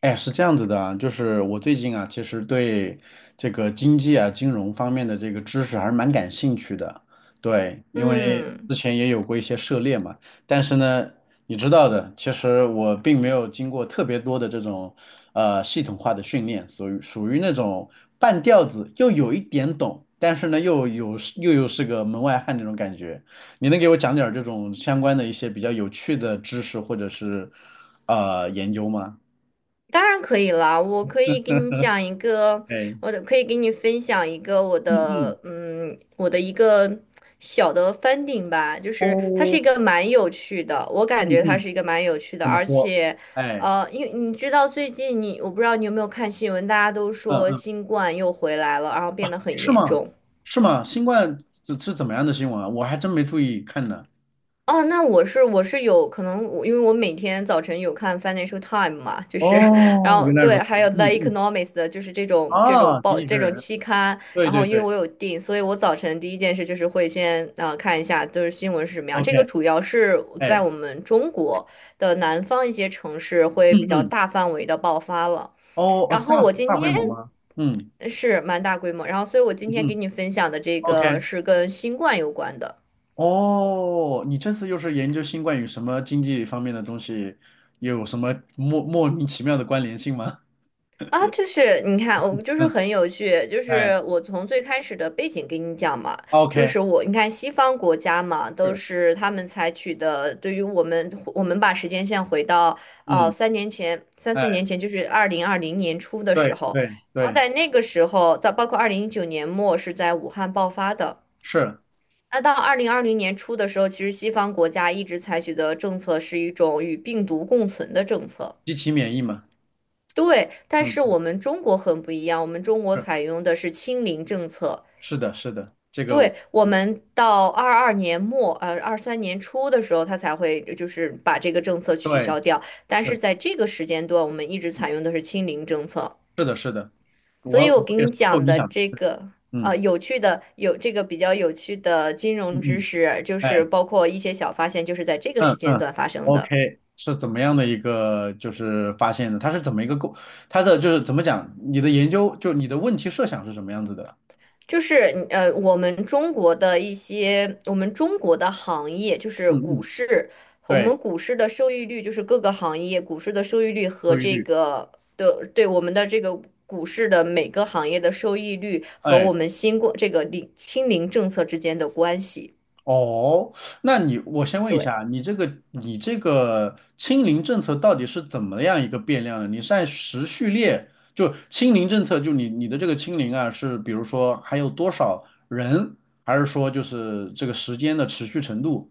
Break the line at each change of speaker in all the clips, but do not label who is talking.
哎，是这样子的啊，就是我最近啊，其实对这个经济啊、金融方面的这个知识还是蛮感兴趣的。对，因为之
嗯，
前也有过一些涉猎嘛，但是呢，你知道的，其实我并没有经过特别多的这种系统化的训练，属于那种半吊子，又有一点懂，但是呢又有又又是个门外汉那种感觉。你能给我讲点儿这种相关的一些比较有趣的知识或者是研究吗？
当然可以啦。我可以给你讲一个，
哎。
我可以给你分享一个
嗯嗯，
我的一个小的翻顶吧。就是它是
哦，
一个蛮有趣的，我
嗯
感觉它
嗯，
是一个蛮有趣的，
怎么
而
说？
且，
哎，
因为你知道最近你，我不知道你有没有看新闻，大家都
嗯
说
嗯，
新冠又回来了，然后变得很
是
严
吗？
重。
是吗？新冠是怎么样的新闻啊？我还真没注意看呢。
哦，那我是有可能我，因为我每天早晨有看 Financial Time 嘛。就是，然
哦，
后
原来如
对，
此。
还有
嗯
The
嗯，
Economist,的就是这种
啊，经
报
济学
这种
人，
期刊。
对
然后
对
因为
对
我有订，所以我早晨第一件事就是会先看一下就是新闻是什么样。这个
，OK，
主要是在
哎，
我们中国的南方一些城市会
嗯
比较
嗯，
大范围的爆发了。
哦啊，
然后
大
我今
大规
天
模吗？嗯
是蛮大规模，然后所以我今
嗯
天给
嗯
你分享的这
，OK，
个是跟新冠有关的。
哦，你这次又是研究新冠与什么经济方面的东西，有什么莫名其妙的关联性吗？
啊，就是你看，我就是
嗯，
很有趣，就
哎
是我从最开始的背景给你讲嘛。就
，OK，
是我你看西方国家嘛，都
是，
是他们采取的，对于我们，我们把时间线回到
嗯。
3年前、三四
哎。
年前，就是二零二零年初的时
对
候。
对
然后
对，
在那个时候，在包括2019年末是在武汉爆发的。
是
那到二零二零年初的时候，其实西方国家一直采取的政策是一种与病毒共存的政策。
机体免疫嘛？
对，但
嗯，
是我们中国很不一样，我们中国
是
采用的是清零政策。
是的，是的，这个我
对，我们到22年末，23年初的时候，它才会就是把这个政策取
对
消掉。但是
是，
在这个时间段，我们一直
嗯，
采用的是清零政策。
是的，是的，
所
我
以
我
我给
也
你
是受
讲
影
的
响的，
这
对
个，
嗯
有趣的有这个比较有趣的金融
嗯
知
嗯，
识，就是
哎，
包括一些小发现，就是在这个时
嗯
间
嗯
段发生的。
，OK，是怎么样的一个就是发现的？它是怎么一个构？它的就是怎么讲？你的研究就你的问题设想是什么样子的？
就是你我们中国的一些，我们中国的行业就是
嗯
股
嗯，
市，我
对，
们股市的收益率就是各个行业股市的收益率和
收益
这
率，
个的对我们的这个股市的每个行业的收益率和
哎。
我们新冠这个清零政策之间的关系。
哦，那你我先问一
对。
下，你这个清零政策到底是怎么样一个变量呢？你是按时序列，就清零政策，就你的这个清零啊，是比如说还有多少人，还是说就是这个时间的持续程度？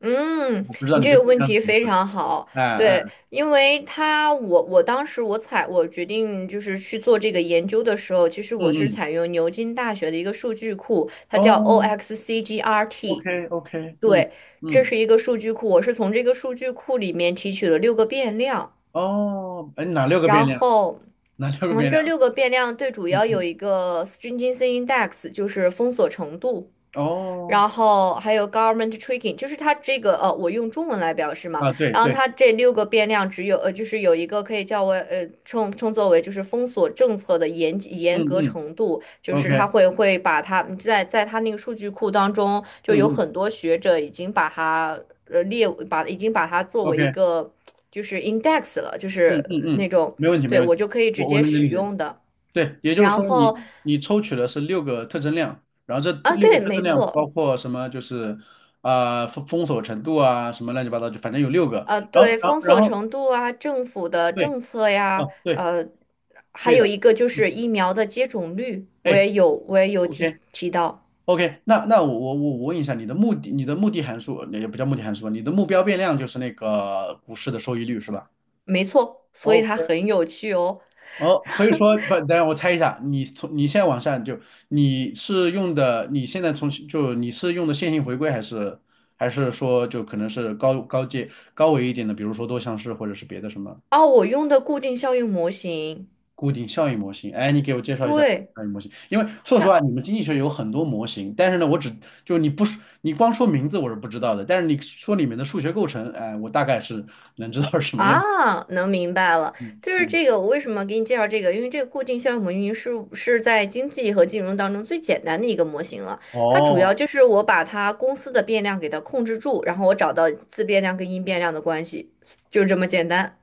嗯，
我不知道
你
你
这
这
个
变
问
量是
题
怎么
非
回事。
常好。
哎哎，
对，因为他我当时我采我决定就是去做这个研究的时候，其实
嗯
我是
嗯，
采用牛津大学的一个数据库，它叫
哦
OXCGRT。
，OK OK，嗯
对，这
嗯，
是一个数据库，我是从这个数据库里面提取了六个变量，
哦，哎，哪六个变
然
量？
后。
哪六个
嗯，
变
这
量？
六个变量最主
嗯
要有
嗯，
一个 stringency index,就是封锁程度。
哦，
然后还有 government tracking,就是它这个我用中文来表示嘛。
啊，对
然后
对，
它这六个变量只有就是有一个可以叫为称作为就是封锁政策的严严
嗯
格
嗯
程度，就
，OK，
是它会把它在它那个数据库当中，就
嗯
有
嗯。
很多学者已经把它列把已经把它作为一
OK，
个就是 index 了，就
嗯嗯
是
嗯，
那种
没问题没
对
问
我
题，
就可以直
我
接
能
使
理解。
用的。
对，也就是
然
说你
后
你抽取的是六个特征量，然后这
啊，
六个
对，
特征
没
量包
错。
括什么？就是啊、封锁程度啊，什么乱七八糟，就反正有六个。然
对，
后然后
封
然
锁
后
程度啊，政府的
对，
政策呀，
哦对
还
对
有
的，
一个就
嗯，
是疫苗的接种率，我
哎
也有，我也有
，OK
提到，
OK，那我问一下你的目的，你的目的函数也不叫目的函数，你的目标变量就是那个股市的收益率是吧
没错，所以它
？OK
很有趣哦。
哦，所以说不，等 下我猜一下，你从你现在往下就你是用的，你现在从就你是用的线性回归还是还是说就可能是高阶高维一点的，比如说多项式或者是别的什么
哦，我用的固定效应模型。
固定效应模型？哎，你给我介绍一下固定
对。
效应模型，因为说实话，
它。
你们经济学有很多模型，但是呢，我只就你不说你光说名字我是不知道的，但是你说里面的数学构成，哎，我大概是能知道是什么样子。
啊，能明白了，
嗯
就是
嗯，
这个。我为什么给你介绍这个？因为这个固定效应模型是在经济和金融当中最简单的一个模型了。它主要
哦
就是我把它公司的变量给它控制住，然后我找到自变量跟因变量的关系，就这么简单。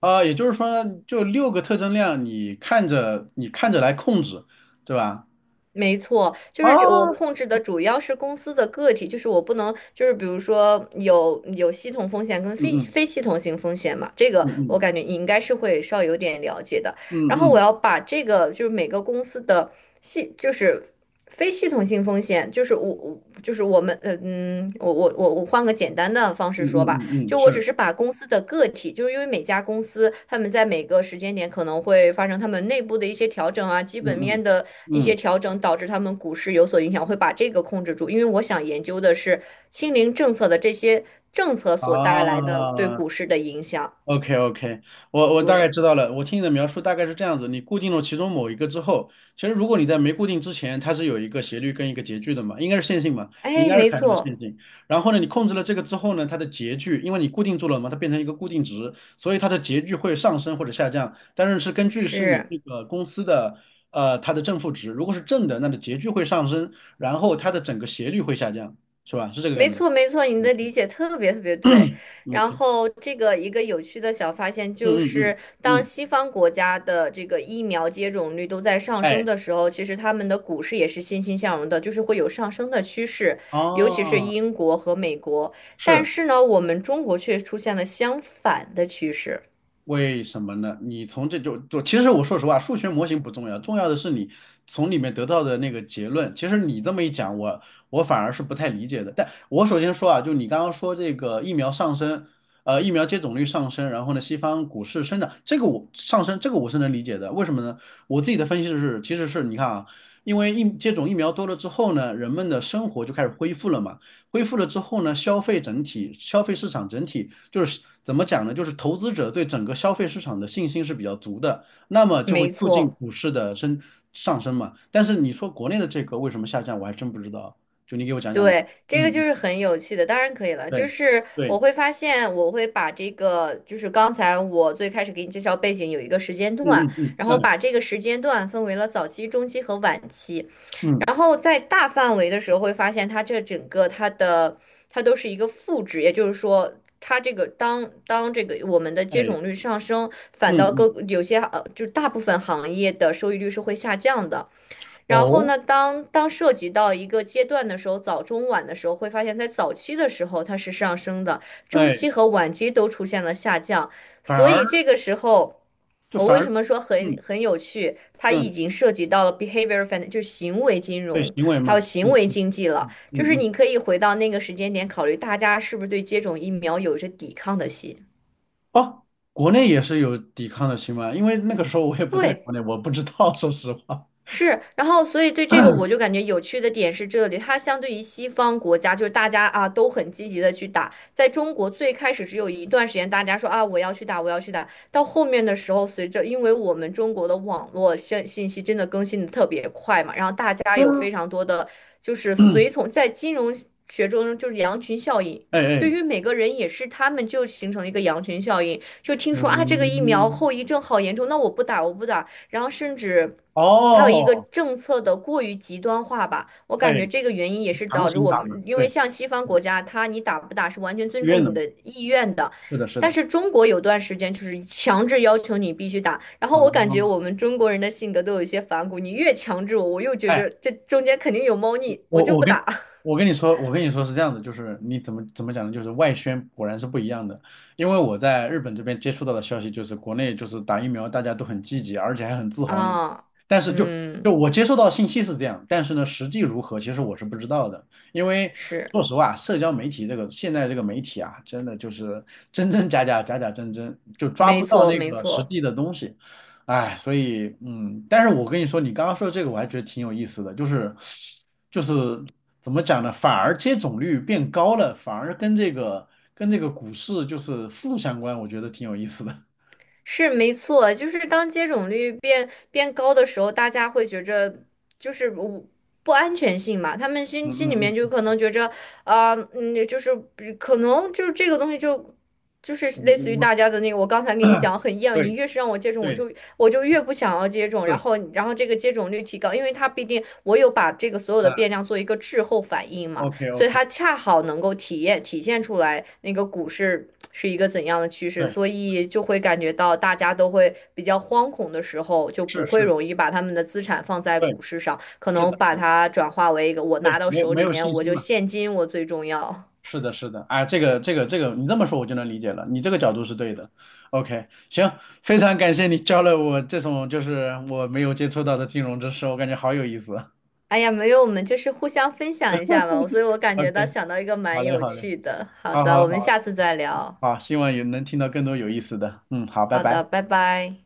啊，也就是说呢就六个特征量，你看着来控制，对吧？
没错，就
啊，
是这我控制的主要是公司的个体，就是我不能，就是比如说有系统风险跟
嗯
非
嗯
非系统性风险嘛，这个
嗯
我
嗯
感觉你应该是会稍微有点了解的。然后我
嗯
要把这个就是每个公司的系就是非系统性风险，就是我就是我们我换个简单的方式
嗯
说
嗯
吧。
嗯嗯，
就我只
是，
是把公司的个体，就是因为每家公司他们在每个时间点可能会发生他们内部的一些调整啊，基
嗯
本
嗯
面的一些
嗯，
调整，导致他们股市有所影响，会把这个控制住。因为我想研究的是清零政策的这些政策所带来
啊，
的对股市的影响。
OK OK，我大概
对，
知道了。我听你的描述大概是这样子：你固定了其中某一个之后，其实如果你在没固定之前，它是有一个斜率跟一个截距的嘛，应该是线性嘛，你应
哎，
该是
没
采用的线
错，
性。然后呢，你控制了这个之后呢，它的截距，因为你固定住了嘛，它变成一个固定值，所以它的截距会上升或者下降，但是是根据是你
是。
这个公司的它的正负值，如果是正的，那的截距会上升，然后它的整个斜率会下降，是吧？是这个
没
感觉。
错，没错，你的理
嗯
解特别特别对。然
，OK，
后，这个一个有趣的小发现就
嗯嗯嗯
是，当
嗯，
西方国家的这个疫苗接种率都在上升
哎，
的时候，其实他们的股市也是欣欣向荣的，就是会有上升的趋势，尤其是
哦。
英国和美国。但
是
是呢，我们中国却出现了相反的趋势。
为什么呢？你从这就其实我说实话，数学模型不重要，重要的是你从里面得到的那个结论。其实你这么一讲，我反而是不太理解的。但我首先说啊，就你刚刚说这个疫苗上升，疫苗接种率上升，然后呢，西方股市生长，这个我上升，这个我是能理解的。为什么呢？我自己的分析是，其实是你看啊，因为接种疫苗多了之后呢，人们的生活就开始恢复了嘛。恢复了之后呢，消费市场整体就是怎么讲呢？就是投资者对整个消费市场的信心是比较足的，那么就会
没
促进
错。
股市的上升嘛。但是你说国内的这个为什么下降，我还真不知道，就你给我讲讲呗。
对，这个就
嗯，
是很有趣的，当然可以了。就
对
是
对，
我会发现，我会把这个，就是刚才我最开始给你介绍背景有一个时间
嗯
段，
嗯嗯，
然后
哎
把这个时间段分为了早期、中期和晚期。
嗯
然后在大范围的时候，会发现它这整个它的它都是一个负值，也就是说，它这个当这个我们的接
哎
种率上升，
嗯
反倒各
嗯
有些就大部分行业的收益率是会下降的。然后
哦
呢，当涉及到一个阶段的时候，早中晚的时候，会发现在早期的时候它是上升的，中
哎，
期和晚期都出现了下降，
反
所以
而
这个时候。
就
我
反
为什
而
么说很
嗯
很有趣？它已
嗯
经涉及到了 behavior finance,就是行为金
对
融，
行为
还有
嘛，
行
嗯
为经济了。就
嗯
是
嗯。
你可以回到那个时间点，考虑大家是不是对接种疫苗有着抵抗的心。
哦，国内也是有抵抗的新闻，因为那个时候我也不在
对。
国内，我不知道，说实话。
是，然后所以对这个我就 感觉有趣的点是这里，它相对于西方国家，就是大家啊都很积极的去打，在中国最开始只有一段时间大家说啊我要去打，我要去打，到后面的时候，随着因为我们中国的网络信息真的更新的特别快嘛，然后大家
对
有
啊，
非常多的就是随 从，在金融学中就是羊群效应。
哎
对
哎，
于每个人也是，他们就形成了一个羊群效应，就听说啊，这个疫苗
嗯，
后遗症好严重，那我不打，我不打，然后甚至还有一个
哦，
政策的过于极端化吧，我感
哎，
觉这个原因也是
强
导致
行
我
打嘛，
们，因为
对，
像西方国家，它你打不打是完全尊
自愿
重
的
你
嘛，
的意愿的，
是的，是
但
的，
是中国有段时间就是强制要求你必须打，然后我感觉我
啊、
们中国人的性格都有一些反骨，你越强制我，我又觉
哎
着这中间肯定有猫腻，我
我
就
我
不
跟
打。
我跟你说，我跟你说是这样子，就是你怎么讲呢？就是外宣果然是不一样的，因为我在日本这边接触到的消息就是，国内就是打疫苗大家都很积极，而且还很自 豪呢。
啊，
但是就
嗯，
我接受到的信息是这样，但是呢，实际如何其实我是不知道的，因为
是，
说实话，社交媒体这个现在这个媒体啊，真的就是真真假假，假假真真，就抓
没
不到
错，
那
没
个实
错。
际的东西。哎，所以嗯，但是我跟你说，你刚刚说的这个我还觉得挺有意思的，就是怎么讲呢？反而接种率变高了，反而跟这个股市就是负相关，我觉得挺有意思的。
是没错，就是当接种率变高的时候，大家会觉着就是不安全性嘛，他们
嗯
心里
嗯
面就
嗯
可能觉着就是可能就是这个东西就是
嗯，
类似于
我
大家的那个，我刚才跟你 讲很厌恶，你
对
越是让我接种，我
对
就我就越不想要接种，然
是，
后然后这个接种率提高，因为它毕竟我有把这个所有的
啊
变量做一个滞后反应嘛。
，OK
所以
OK，
它恰好能够体现出来那个股市是一个怎样的趋势，
对，
所以就会感觉到大家都会比较惶恐的时候，就
是
不会
是，
容易把他们的资产放在
对，
股市上，可
是
能
的
把
是的，
它转化为一个我
对，
拿到
没有
手
没
里
有
面
信
我
心
就
嘛。
现金我最重要。
是的，是的，哎，这个，你这么说我就能理解了，你这个角度是对的。OK，行，非常感谢你教了我这种就是我没有接触到的金融知识，我感觉好有意思。
哎呀，没有，我们就是互相分享一下嘛，所以我感觉
OK，
到想到一个
好
蛮
嘞，
有
好嘞，
趣的。好
好
的，
好
我们
好
下次再聊。
好，希望也能听到更多有意思的。嗯，好，拜
好
拜。
的，拜拜。